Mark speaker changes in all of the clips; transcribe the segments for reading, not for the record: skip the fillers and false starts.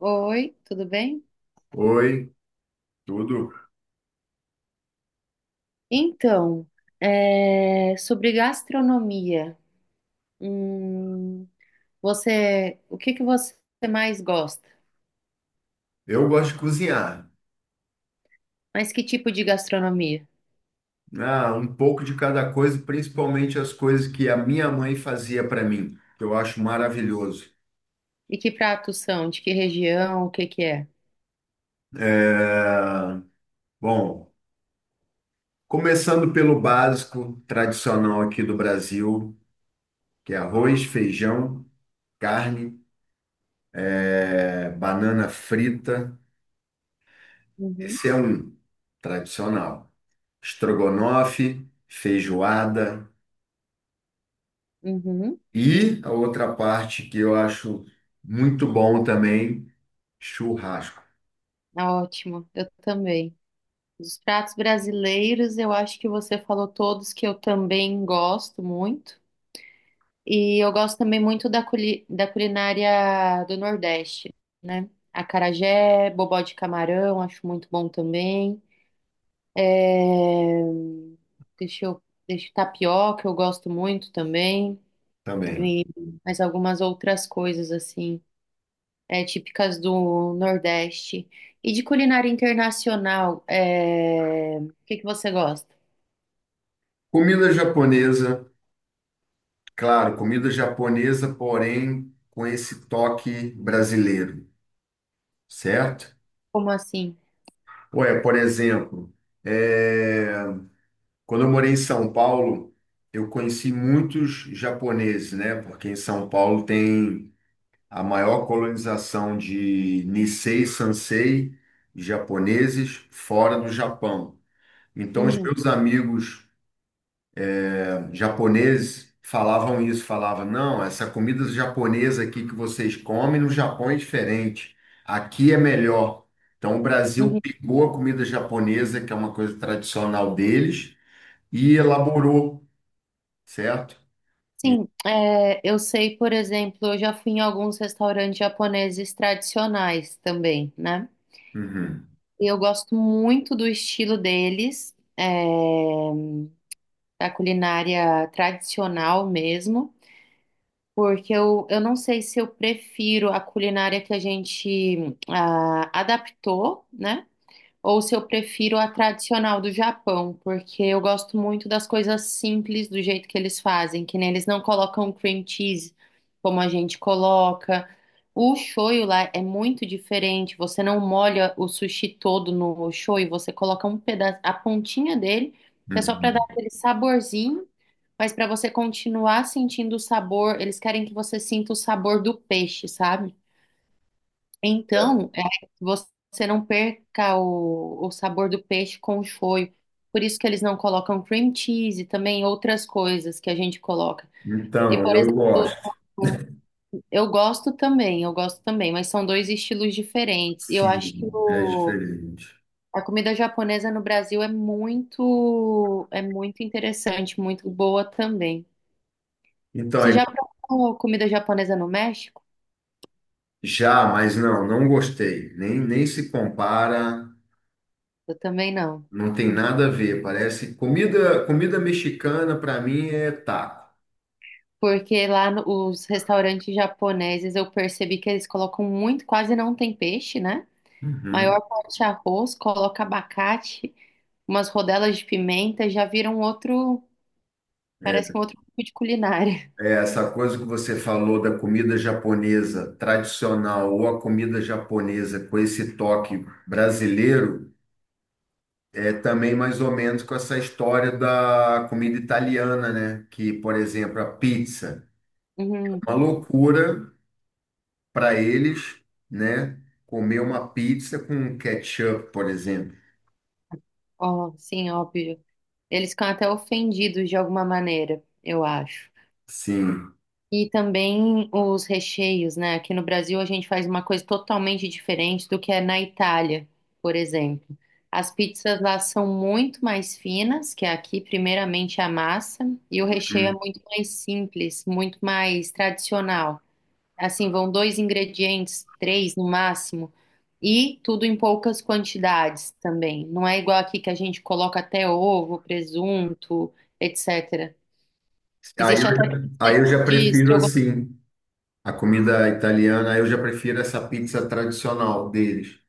Speaker 1: Oi, tudo bem?
Speaker 2: Oi, tudo.
Speaker 1: Então, sobre gastronomia, hum, você, o que que você mais gosta?
Speaker 2: Eu gosto de cozinhar.
Speaker 1: Mas que tipo de gastronomia?
Speaker 2: Ah, um pouco de cada coisa, principalmente as coisas que a minha mãe fazia para mim, que eu acho maravilhoso.
Speaker 1: E que pratos são? De que região? O que que é?
Speaker 2: É, Bom, começando pelo básico tradicional aqui do Brasil, que é arroz, feijão, carne, banana frita.
Speaker 1: Uhum,
Speaker 2: Esse é um tradicional. Estrogonofe, feijoada.
Speaker 1: uhum,
Speaker 2: E a outra parte que eu acho muito bom também. Churrasco
Speaker 1: ah, ótimo, eu também. Dos pratos brasileiros, eu acho que você falou todos que eu também gosto muito. E eu gosto também muito da da culinária do Nordeste, né? Acarajé, bobó de camarão, acho muito bom também. É, Deixa eu... Deixa tapioca, eu gosto muito também.
Speaker 2: também.
Speaker 1: E mais algumas outras coisas, assim, típicas do Nordeste. E de culinária internacional, o que que você gosta?
Speaker 2: Comida japonesa, claro, comida japonesa, porém com esse toque brasileiro, certo?
Speaker 1: Como assim?
Speaker 2: Ué, por exemplo, é, quando eu morei em São Paulo, eu conheci muitos japoneses, né? Porque em São Paulo tem a maior colonização de Nisei Sansei japoneses fora do Japão. Então, os
Speaker 1: Uhum,
Speaker 2: meus amigos japoneses falavam isso, falavam, não, essa comida japonesa aqui que vocês comem no Japão é diferente. Aqui é melhor. Então o Brasil
Speaker 1: uhum.
Speaker 2: pegou a comida japonesa, que é uma coisa tradicional deles, e elaborou, certo? E-
Speaker 1: Sim, eu sei, por exemplo, eu já fui em alguns restaurantes japoneses tradicionais também, né?
Speaker 2: Uhum,
Speaker 1: E eu gosto muito do estilo deles, da culinária tradicional mesmo, porque eu não sei se eu prefiro a culinária que a gente adaptou, né? ou se eu prefiro a tradicional do Japão, porque eu gosto muito das coisas simples do jeito que eles fazem, que nem eles não colocam cream cheese como a gente coloca. O shoyu lá é muito diferente, você não molha o sushi todo no shoyu, você coloca um pedaço, a pontinha dele, que é só para dar
Speaker 2: uhum.
Speaker 1: aquele saborzinho, mas para você continuar sentindo o sabor, eles querem que você sinta o sabor do peixe, sabe? Então, você não perca o sabor do peixe com o shoyu. Por isso que eles não colocam cream cheese e também outras coisas que a gente coloca. E,
Speaker 2: Então,
Speaker 1: por
Speaker 2: eu
Speaker 1: exemplo,
Speaker 2: gosto.
Speaker 1: eu gosto também, mas são dois estilos diferentes. E eu acho que
Speaker 2: Sim, é diferente.
Speaker 1: a comida japonesa no Brasil é muito interessante, muito boa também.
Speaker 2: Então,
Speaker 1: Você
Speaker 2: é-
Speaker 1: já provou comida japonesa no México?
Speaker 2: Já, mas não, não gostei. Nem, nem se compara.
Speaker 1: Eu também não.
Speaker 2: Não tem nada a ver, parece comida, comida mexicana para mim é taco.
Speaker 1: Porque lá os restaurantes japoneses eu percebi que eles colocam muito, quase não tem peixe, né?
Speaker 2: Uhum.
Speaker 1: Maior parte é arroz, coloca abacate, umas rodelas de pimenta, já viram outro, parece
Speaker 2: É,
Speaker 1: que um outro tipo de culinária.
Speaker 2: é essa coisa que você falou da comida japonesa tradicional ou a comida japonesa com esse toque brasileiro é também mais ou menos com essa história da comida italiana, né? Que, por exemplo, a pizza,
Speaker 1: Uhum.
Speaker 2: é uma loucura para eles, né? Comer uma pizza com ketchup, por exemplo.
Speaker 1: Ó, sim, óbvio. Eles ficam até ofendidos de alguma maneira, eu acho.
Speaker 2: Sim.
Speaker 1: E também os recheios, né? Aqui no Brasil a gente faz uma coisa totalmente diferente do que é na Itália, por exemplo. As pizzas lá são muito mais finas que aqui, primeiramente é a massa, e o recheio é muito mais simples, muito mais tradicional. Assim, vão dois ingredientes, três no máximo, e tudo em poucas quantidades também. Não é igual aqui que a gente coloca até ovo, presunto, etc. Existe até
Speaker 2: Aí
Speaker 1: pizza
Speaker 2: eu já
Speaker 1: de
Speaker 2: prefiro
Speaker 1: estrogonofe
Speaker 2: assim, a comida italiana, aí eu já prefiro essa pizza tradicional deles,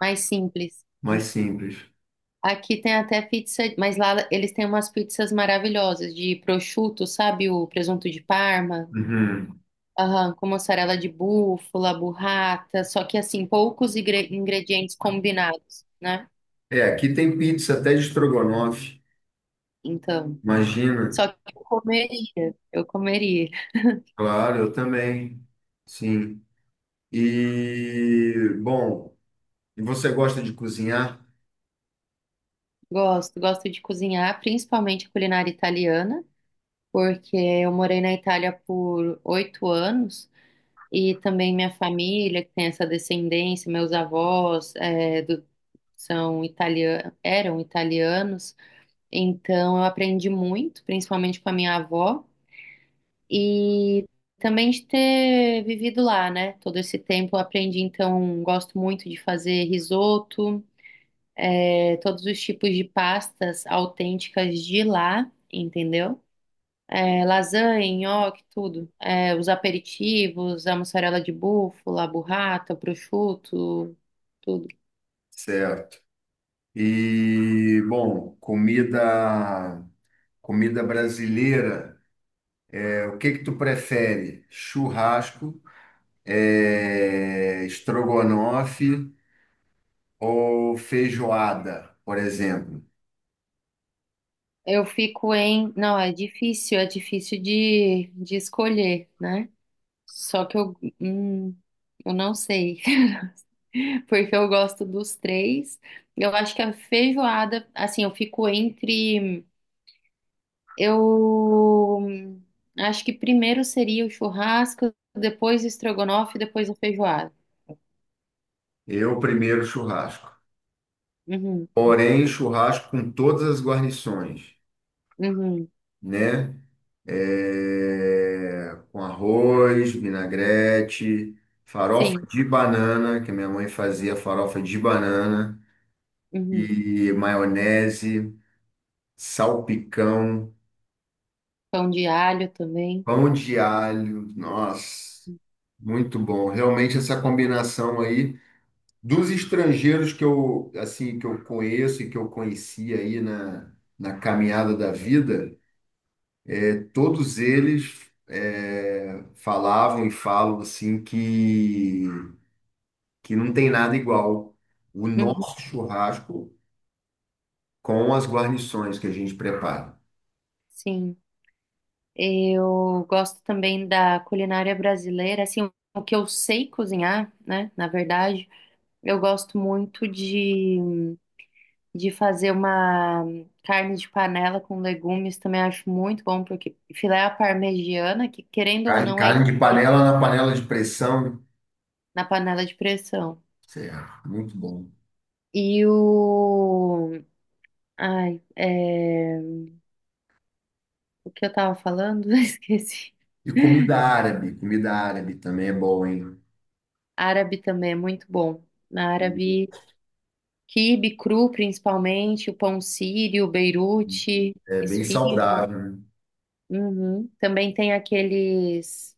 Speaker 1: mais simples.
Speaker 2: mais simples.
Speaker 1: Aqui tem até pizza, mas lá eles têm umas pizzas maravilhosas de prosciutto, sabe? O presunto de Parma,
Speaker 2: Uhum.
Speaker 1: aham, com mussarela de búfala, burrata, só que assim, poucos ingredientes combinados, né?
Speaker 2: É, aqui tem pizza até de estrogonofe,
Speaker 1: Então,
Speaker 2: imagina.
Speaker 1: só que eu comeria, eu comeria.
Speaker 2: Claro, eu também, sim. E, bom, e você gosta de cozinhar?
Speaker 1: Gosto, gosto de cozinhar, principalmente a culinária italiana, porque eu morei na Itália por 8 anos. E também minha família, que tem essa descendência, meus avós, são italianos, eram italianos, então eu aprendi muito, principalmente com a minha avó, e também de ter vivido lá, né? Todo esse tempo eu aprendi, então gosto muito de fazer risoto, todos os tipos de pastas autênticas de lá, entendeu? Lasanha, nhoque, tudo. Os aperitivos, a mussarela de búfala, a burrata, o prosciutto, tudo.
Speaker 2: Certo. E, bom, comida brasileira, o que que tu prefere? Churrasco? É, estrogonofe ou feijoada, por exemplo.
Speaker 1: Eu fico em. Não, é difícil de escolher, né? Só que eu. hum, eu não sei, porque eu gosto dos três. Eu acho que a feijoada, assim, eu fico entre. Eu acho que primeiro seria o churrasco, depois o estrogonofe, depois a feijoada.
Speaker 2: Eu primeiro churrasco.
Speaker 1: Uhum,
Speaker 2: Porém, churrasco com todas as guarnições,
Speaker 1: uhum,
Speaker 2: né? É, com arroz, vinagrete, farofa
Speaker 1: sim,
Speaker 2: de banana, que minha mãe fazia farofa de banana,
Speaker 1: uhum.
Speaker 2: e maionese, salpicão,
Speaker 1: Pão de alho também.
Speaker 2: pão de alho. Nossa, muito bom. Realmente essa combinação aí. Dos estrangeiros que eu, assim, que eu conheço e que eu conheci aí na caminhada da vida, todos eles falavam e falam assim que não tem nada igual o
Speaker 1: Uhum,
Speaker 2: nosso churrasco com as guarnições que a gente prepara.
Speaker 1: sim, eu gosto também da culinária brasileira, assim, o que eu sei cozinhar, né, na verdade, eu gosto muito de fazer uma carne de panela com legumes, também acho muito bom, porque filé à parmegiana, que querendo ou não é
Speaker 2: Carne de panela na panela de pressão,
Speaker 1: na panela de pressão,
Speaker 2: cê, muito bom.
Speaker 1: e o Ai, o que eu tava falando? Esqueci.
Speaker 2: E comida árabe também é bom, hein?
Speaker 1: Árabe também é muito bom. Na árabe, quibe cru, principalmente, o pão sírio, beirute,
Speaker 2: É bem
Speaker 1: esfirra.
Speaker 2: saudável.
Speaker 1: Uhum. Também tem aqueles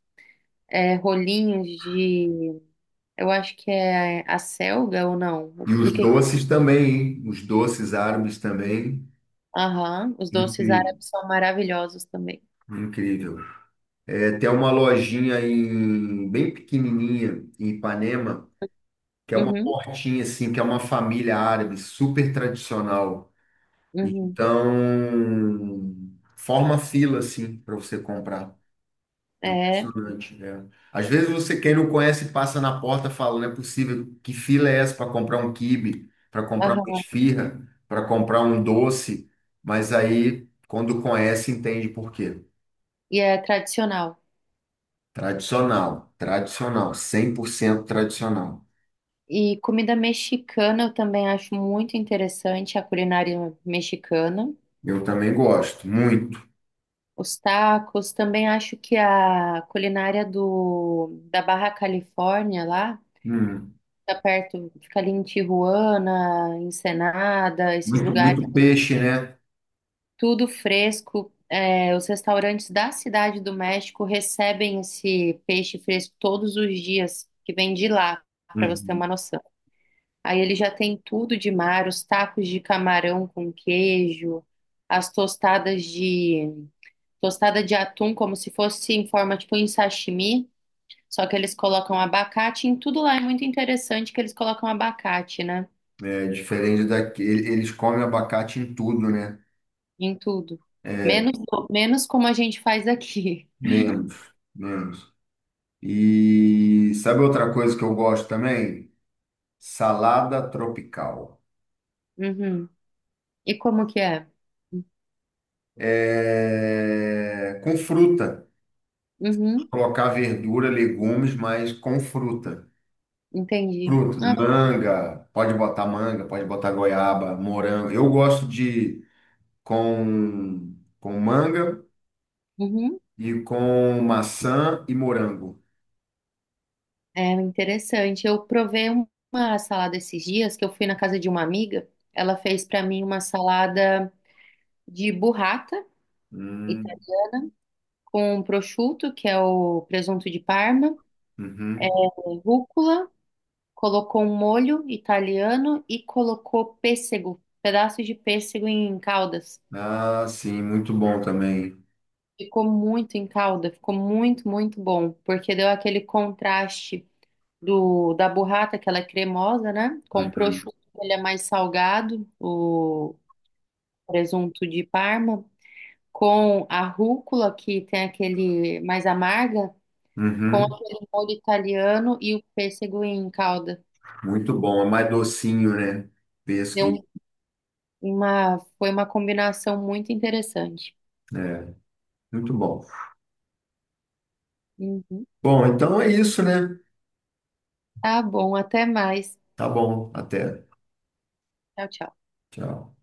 Speaker 1: rolinhos de, eu acho que é a selga ou não?
Speaker 2: E os
Speaker 1: Do que?
Speaker 2: doces também, hein? Os doces árabes também.
Speaker 1: Aham, os doces
Speaker 2: Incrível,
Speaker 1: árabes são maravilhosos também.
Speaker 2: incrível. É, tem uma lojinha em, bem pequenininha em Ipanema, que é uma
Speaker 1: Uhum,
Speaker 2: portinha assim, que é uma família árabe super tradicional.
Speaker 1: uhum.
Speaker 2: Então, forma fila assim para você comprar.
Speaker 1: É,
Speaker 2: Impressionante, é. Às vezes você, quem não conhece, passa na porta falando, não é possível, que fila é essa para comprar um quibe, para comprar uma
Speaker 1: aham.
Speaker 2: esfirra, para comprar um doce, mas aí, quando conhece, entende por quê.
Speaker 1: E é tradicional.
Speaker 2: Tradicional, tradicional, 100% tradicional.
Speaker 1: E comida mexicana eu também acho muito interessante, a culinária mexicana.
Speaker 2: Eu também gosto, muito.
Speaker 1: Os tacos, também acho que a culinária da Barra Califórnia lá,
Speaker 2: Hum.
Speaker 1: tá perto, fica ali em Tijuana, Ensenada, esses
Speaker 2: Muito,
Speaker 1: lugares,
Speaker 2: muito peixe, né?
Speaker 1: tudo fresco. Os restaurantes da Cidade do México recebem esse peixe fresco todos os dias, que vem de lá, para você ter uma
Speaker 2: Uhum.
Speaker 1: noção. Aí ele já tem tudo de mar, os tacos de camarão com queijo, as tostadas de tostada de atum como se fosse em forma tipo em sashimi, só que eles colocam abacate em tudo lá. É muito interessante que eles colocam abacate, né?
Speaker 2: É diferente daqui, eles comem abacate em tudo, né?
Speaker 1: Em tudo.
Speaker 2: É,
Speaker 1: Menos menos como a gente faz aqui.
Speaker 2: menos, menos. E sabe outra coisa que eu gosto também? Salada tropical.
Speaker 1: Uhum. E como que é?
Speaker 2: É, com fruta.
Speaker 1: Uhum.
Speaker 2: Colocar verdura, legumes, mas com fruta.
Speaker 1: Entendi.
Speaker 2: Fruta,
Speaker 1: Ah,
Speaker 2: manga, pode botar goiaba, morango. Eu gosto de com, com manga
Speaker 1: uhum.
Speaker 2: e com maçã e morango.
Speaker 1: É interessante. Eu provei uma salada esses dias que eu fui na casa de uma amiga. Ela fez pra mim uma salada de burrata ita-
Speaker 2: Hum,
Speaker 1: com um prosciutto, que é o presunto de Parma,
Speaker 2: uhum.
Speaker 1: rúcula, colocou um molho italiano e colocou pêssego, pedaços de pêssego em caldas.
Speaker 2: Ah, sim, muito bom também.
Speaker 1: Ficou muito em calda, ficou muito, muito bom, porque deu aquele contraste do da burrata, que ela é cremosa, né? Com o
Speaker 2: Uhum.
Speaker 1: prosciutto, ele é mais salgado, o presunto de Parma, com a rúcula, que tem aquele mais amarga, com
Speaker 2: Uhum.
Speaker 1: aquele molho italiano e o pêssego em calda.
Speaker 2: Muito bom, é mais docinho, né?
Speaker 1: Deu
Speaker 2: Pêssego,
Speaker 1: um- foi uma combinação muito interessante.
Speaker 2: né muito bom.
Speaker 1: Uhum.
Speaker 2: Bom, então é isso, né?
Speaker 1: Tá bom, até mais.
Speaker 2: Tá bom, até.
Speaker 1: Tchau, tchau.
Speaker 2: Tchau.